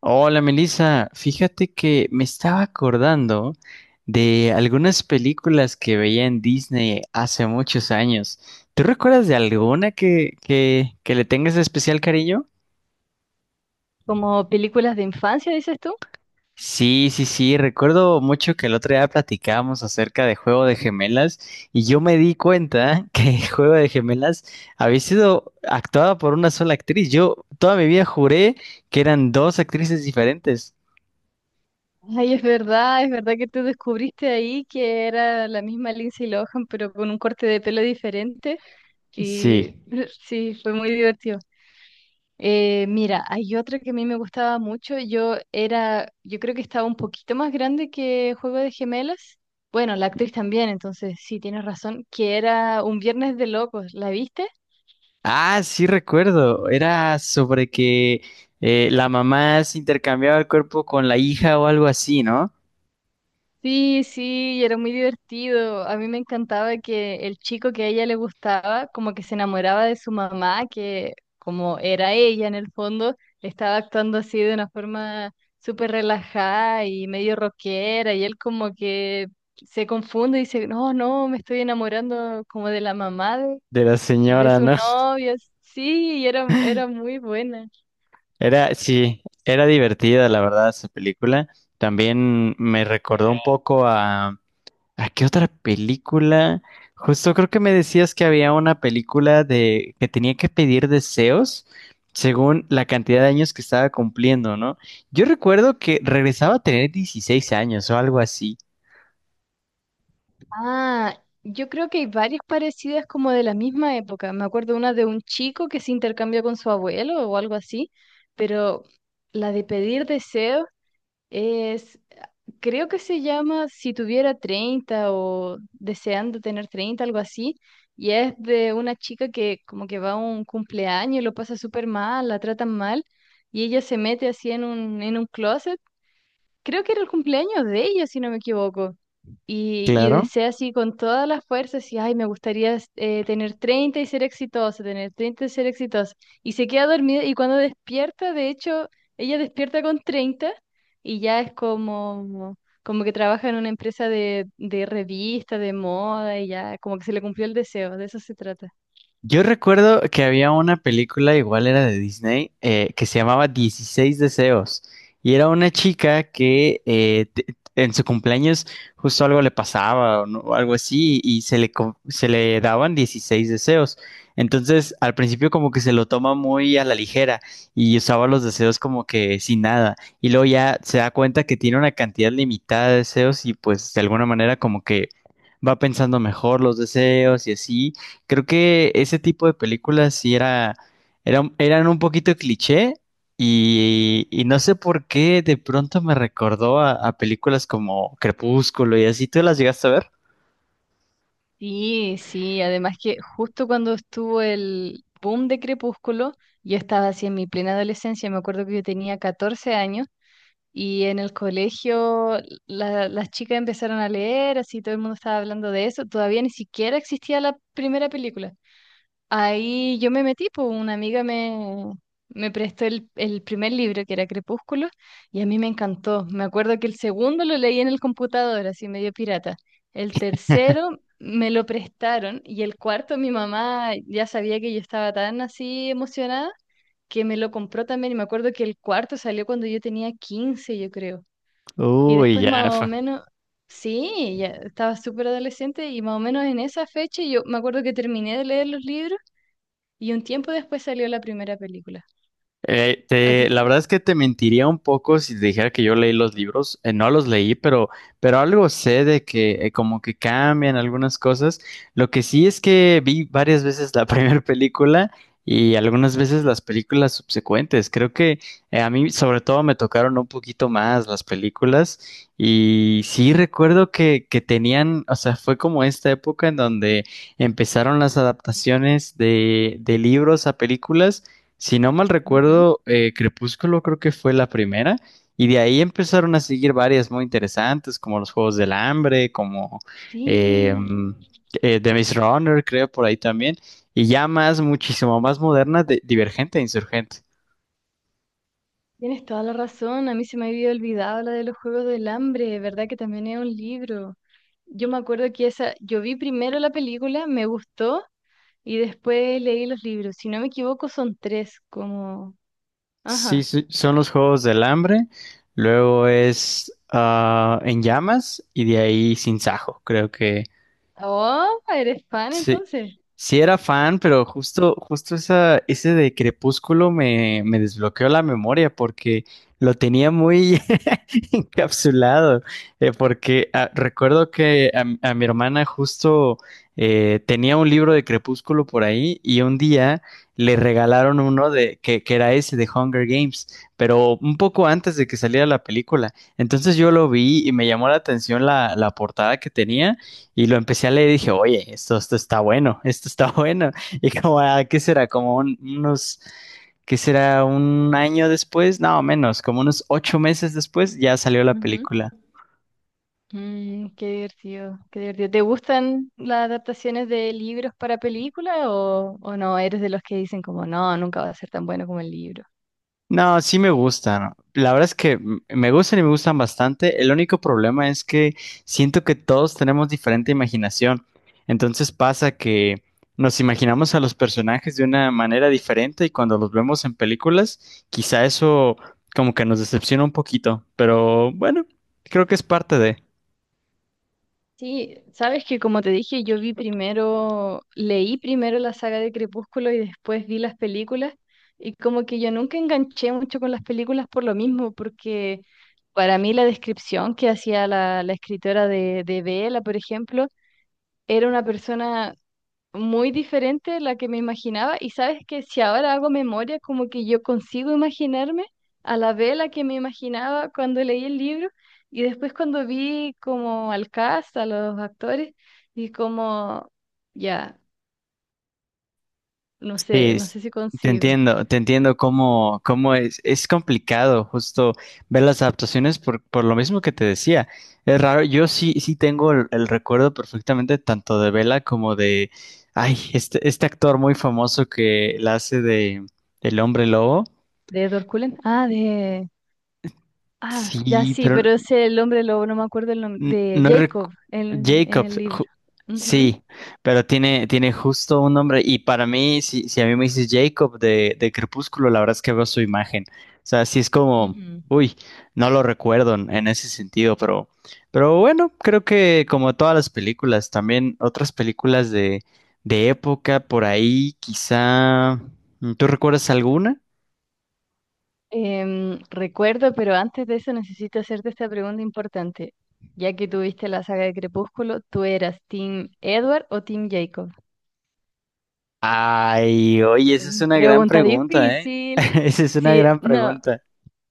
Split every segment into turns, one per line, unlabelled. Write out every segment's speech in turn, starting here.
Hola Melissa, fíjate que me estaba acordando de algunas películas que veía en Disney hace muchos años. ¿Tú recuerdas de alguna que le tengas especial cariño?
Como películas de infancia, dices tú.
Sí, sí, sí, recuerdo mucho que el otro día platicábamos acerca de Juego de Gemelas y yo me di cuenta que Juego de Gemelas había sido actuada por una sola actriz. Yo toda mi vida juré que eran dos actrices diferentes.
Ay, es verdad que tú descubriste ahí que era la misma Lindsay Lohan, pero con un corte de pelo diferente. Y
Sí.
sí, fue muy divertido. Mira, hay otra que a mí me gustaba mucho. Yo creo que estaba un poquito más grande que Juego de Gemelas. Bueno, la actriz también, entonces sí, tienes razón, que era Un Viernes de Locos. ¿La viste?
Ah, sí recuerdo. Era sobre que la mamá se intercambiaba el cuerpo con la hija o algo así, ¿no?
Sí, sí, y era muy divertido. A mí me encantaba que el chico que a ella le gustaba, como que se enamoraba de su mamá, que como era ella en el fondo, estaba actuando así de una forma súper relajada y medio rockera, y él como que se confunde y dice, no, no, me estoy enamorando como de la mamá de,
De la
de
señora,
su
¿no?
novia. Sí, y era, era muy buena.
Era, sí, era divertida, la verdad, esa película. También me recordó un poco a... ¿A qué otra película? Justo creo que me decías que había una película de que tenía que pedir deseos según la cantidad de años que estaba cumpliendo, ¿no? Yo recuerdo que regresaba a tener 16 años o algo así.
Ah, yo creo que hay varias parecidas como de la misma época. Me acuerdo una de un chico que se intercambió con su abuelo o algo así, pero la de pedir deseos es, creo que se llama Si tuviera 30 o deseando tener 30, algo así, y es de una chica que como que va a un cumpleaños y lo pasa súper mal, la tratan mal, y ella se mete así en un, closet, creo que era el cumpleaños de ella, si no me equivoco. Y
Claro.
desea así con todas las fuerzas, y ay, me gustaría tener 30 y ser exitosa, tener 30 y ser exitosa. Y se queda dormida y cuando despierta, de hecho, ella despierta con 30 y ya es como, como que trabaja en una empresa de revista, de moda, y ya como que se le cumplió el deseo, de eso se trata.
Yo recuerdo que había una película, igual era de Disney, que se llamaba Dieciséis Deseos. Y era una chica que en su cumpleaños justo algo le pasaba o, no- o algo así y se le daban dieciséis deseos. Entonces, al principio como que se lo toma muy a la ligera y usaba los deseos como que sin nada. Y luego ya se da cuenta que tiene una cantidad limitada de deseos y pues de alguna manera como que va pensando mejor los deseos y así. Creo que ese tipo de películas sí era, eran un poquito cliché y no sé por qué de pronto me recordó a películas como Crepúsculo y así. ¿Tú las llegaste a ver?
Sí, sí, además que justo cuando estuvo el boom de Crepúsculo, yo estaba así en mi plena adolescencia, me acuerdo que yo tenía 14 años y en el colegio las chicas empezaron a leer, así todo el mundo estaba hablando de eso, todavía ni siquiera existía la primera película. Ahí yo me metí, pues una amiga me, prestó el primer libro, que era Crepúsculo, y a mí me encantó. Me acuerdo que el segundo lo leí en el computador, así medio pirata. El tercero me lo prestaron y el cuarto mi mamá ya sabía que yo estaba tan así emocionada que me lo compró también. Y me acuerdo que el cuarto salió cuando yo tenía 15, yo creo. Y
Uy,
después
ya.
más o menos... Sí, ya estaba súper adolescente y más o menos en esa fecha yo me acuerdo que terminé de leer los libros y un tiempo después salió la primera película. A ti-
La verdad es que te mentiría un poco si te dijera que yo leí los libros. No los leí, pero algo sé de que como que cambian algunas cosas. Lo que sí es que vi varias veces la primera película y algunas veces las películas subsecuentes. Creo que a mí sobre todo me tocaron un poquito más las películas y sí recuerdo que tenían, o sea, fue como esta época en donde empezaron las adaptaciones de libros a películas. Si no mal
Ujú.
recuerdo, Crepúsculo creo que fue la primera, y de ahí empezaron a seguir varias muy interesantes, como los Juegos del Hambre, como eh,
Sí,
mm, The Maze Runner, creo, por ahí también, y ya más, muchísimo más moderna, Divergente e Insurgente.
tienes toda la razón. A mí se me había olvidado la de los Juegos del Hambre, ¿verdad? Que también es un libro. Yo me acuerdo que esa, yo vi primero la película, me gustó y después leí los libros. Si no me equivoco, son tres, como...
Sí,
Ajá.
sí, son los Juegos del Hambre, luego
Sí.
es En Llamas, y de ahí Sin Sajo, creo que
Oh, eres fan
sí,
entonces.
sí era fan, pero justo, justo esa, ese de Crepúsculo me desbloqueó la memoria porque lo tenía muy encapsulado, porque recuerdo que a mi hermana justo tenía un libro de Crepúsculo por ahí y un día le regalaron uno de que era ese de Hunger Games, pero un poco antes de que saliera la película. Entonces yo lo vi y me llamó la atención la portada que tenía. Y lo empecé a leer y dije, oye, esto está bueno, esto está bueno. Y como, ah, ¿qué será? Unos, ¿qué será? Un año después, no, menos, como unos ocho meses después ya salió la película.
Qué divertido, qué divertido. ¿Te gustan las adaptaciones de libros para película o no? ¿Eres de los que dicen como, no, nunca va a ser tan bueno como el libro?
No, sí me gustan. La verdad es que me gustan y me gustan bastante. El único problema es que siento que todos tenemos diferente imaginación. Entonces pasa que nos imaginamos a los personajes de una manera diferente y cuando los vemos en películas, quizá eso como que nos decepciona un poquito. Pero bueno, creo que es parte de...
Sí, sabes que como te dije, yo vi primero, leí primero la saga de Crepúsculo y después vi las películas y como que yo nunca enganché mucho con las películas por lo mismo, porque para mí la descripción que hacía la escritora de, Bella, por ejemplo, era una persona muy diferente de la que me imaginaba. Y sabes que si ahora hago memoria, como que yo consigo imaginarme a la vela que me imaginaba cuando leí el libro y después cuando vi como al cast, a los actores, y como, ya, no
Sí,
sé, no sé si consigo.
te entiendo cómo, cómo es complicado justo ver las adaptaciones por lo mismo que te decía. Es raro, yo sí, sí tengo el recuerdo perfectamente tanto de Bella como de, ay, este actor muy famoso que la hace de El Hombre Lobo.
¿De Edward Cullen? Ah. Ah, ya
Sí,
sí,
pero
pero ese el hombre lobo, no me acuerdo el nombre,
N-
de
No recu-
Jacob en el
Jacobs,
libro.
ju- sí,
Ujú.
pero tiene, tiene justo un nombre. Y para mí, si, si a mí me dices Jacob de Crepúsculo, la verdad es que veo su imagen. O sea, sí es como,
Ujú.
uy, no lo recuerdo en ese sentido, pero bueno, creo que como todas las películas, también otras películas de época por ahí, quizá. ¿Tú recuerdas alguna?
Recuerdo, pero antes de eso necesito hacerte esta pregunta importante. Ya que tuviste la saga de Crepúsculo, ¿tú eras Team Edward o Team Jacob?
Ay, oye, esa es una gran
Pregunta
pregunta, ¿eh?
difícil.
Esa es una
Sí,
gran
no,
pregunta.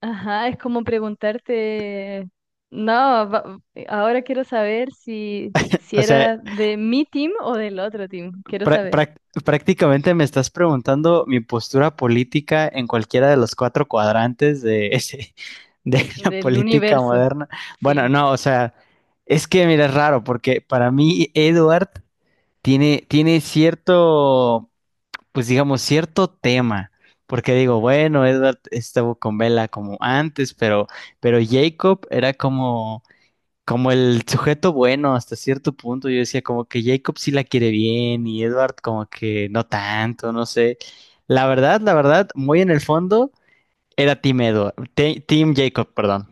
ajá, es como preguntarte, no, ahora quiero saber si
O sea,
era de mi team o del otro team, quiero
Prá-
saber,
prá- prácticamente me estás preguntando mi postura política en cualquiera de los cuatro cuadrantes de la
del
política
universo,
moderna. Bueno,
sí.
no, o sea, es que mira, es raro porque para mí Edward tiene, tiene cierto, pues digamos, cierto tema. Porque digo, bueno, Edward estuvo con Bella como antes, pero Jacob era como como el sujeto bueno hasta cierto punto. Yo decía como que Jacob sí la quiere bien y Edward como que no tanto, no sé. La verdad, muy en el fondo era Team Jacob, perdón.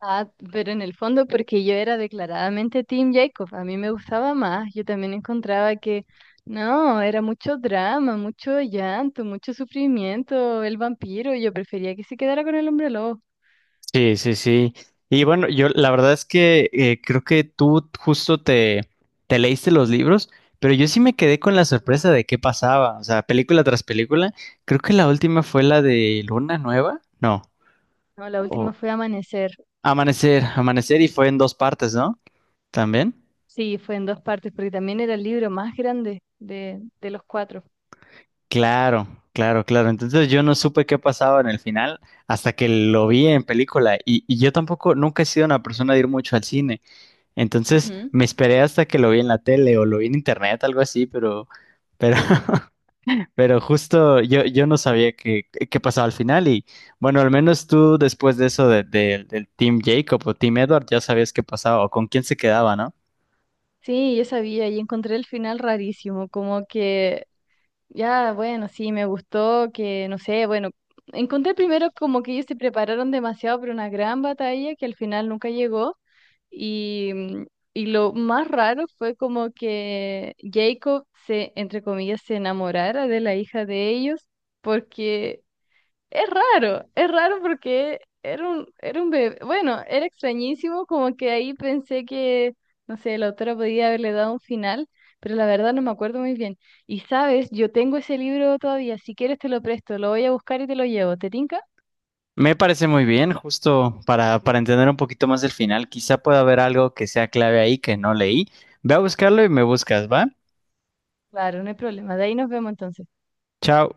Ah, pero en el fondo, porque yo era declaradamente Team Jacob, a mí me gustaba más, yo también encontraba que no, era mucho drama, mucho llanto, mucho sufrimiento, el vampiro, yo prefería que se quedara con el hombre lobo.
Sí, sí, sí. Y bueno, yo la verdad es que creo que tú justo te leíste los libros, pero yo sí me quedé con la sorpresa de qué pasaba. O sea, película tras película. Creo que la última fue la de Luna Nueva. No.
No, la
O
última fue Amanecer,
Amanecer, Amanecer y fue en dos partes, ¿no? ¿También?
sí, fue en dos partes, porque también era el libro más grande de los cuatro.
Claro, claro, claro. Entonces yo no supe qué pasaba en el final hasta que lo vi en película y yo tampoco, nunca he sido una persona de ir mucho al cine. Entonces
Ujú.
me esperé hasta que lo vi en la tele o lo vi en internet, algo así, pero, pero justo yo, yo no sabía qué, qué pasaba al final y bueno, al menos tú después de eso del Team Jacob o Team Edward ya sabías qué pasaba o con quién se quedaba, ¿no?
Sí, yo sabía y encontré el final rarísimo, como que ya, bueno, sí, me gustó que, no sé, bueno, encontré primero como que ellos se prepararon demasiado para una gran batalla que al final nunca llegó. Y, mm, y lo más raro fue como que Jacob se, entre comillas, se enamorara de la hija de ellos, porque es raro porque era un, bebé. Bueno, era extrañísimo, como que ahí pensé que, no sé, la autora podía haberle dado un final, pero la verdad no me acuerdo muy bien. Y sabes, yo tengo ese libro todavía, si quieres te lo presto, lo voy a buscar y te lo llevo. ¿Te tinca?
Me parece muy bien, justo para entender un poquito más el final. Quizá pueda haber algo que sea clave ahí que no leí. Ve a buscarlo y me buscas, ¿va?
Claro, no hay problema. De ahí nos vemos entonces.
Chao.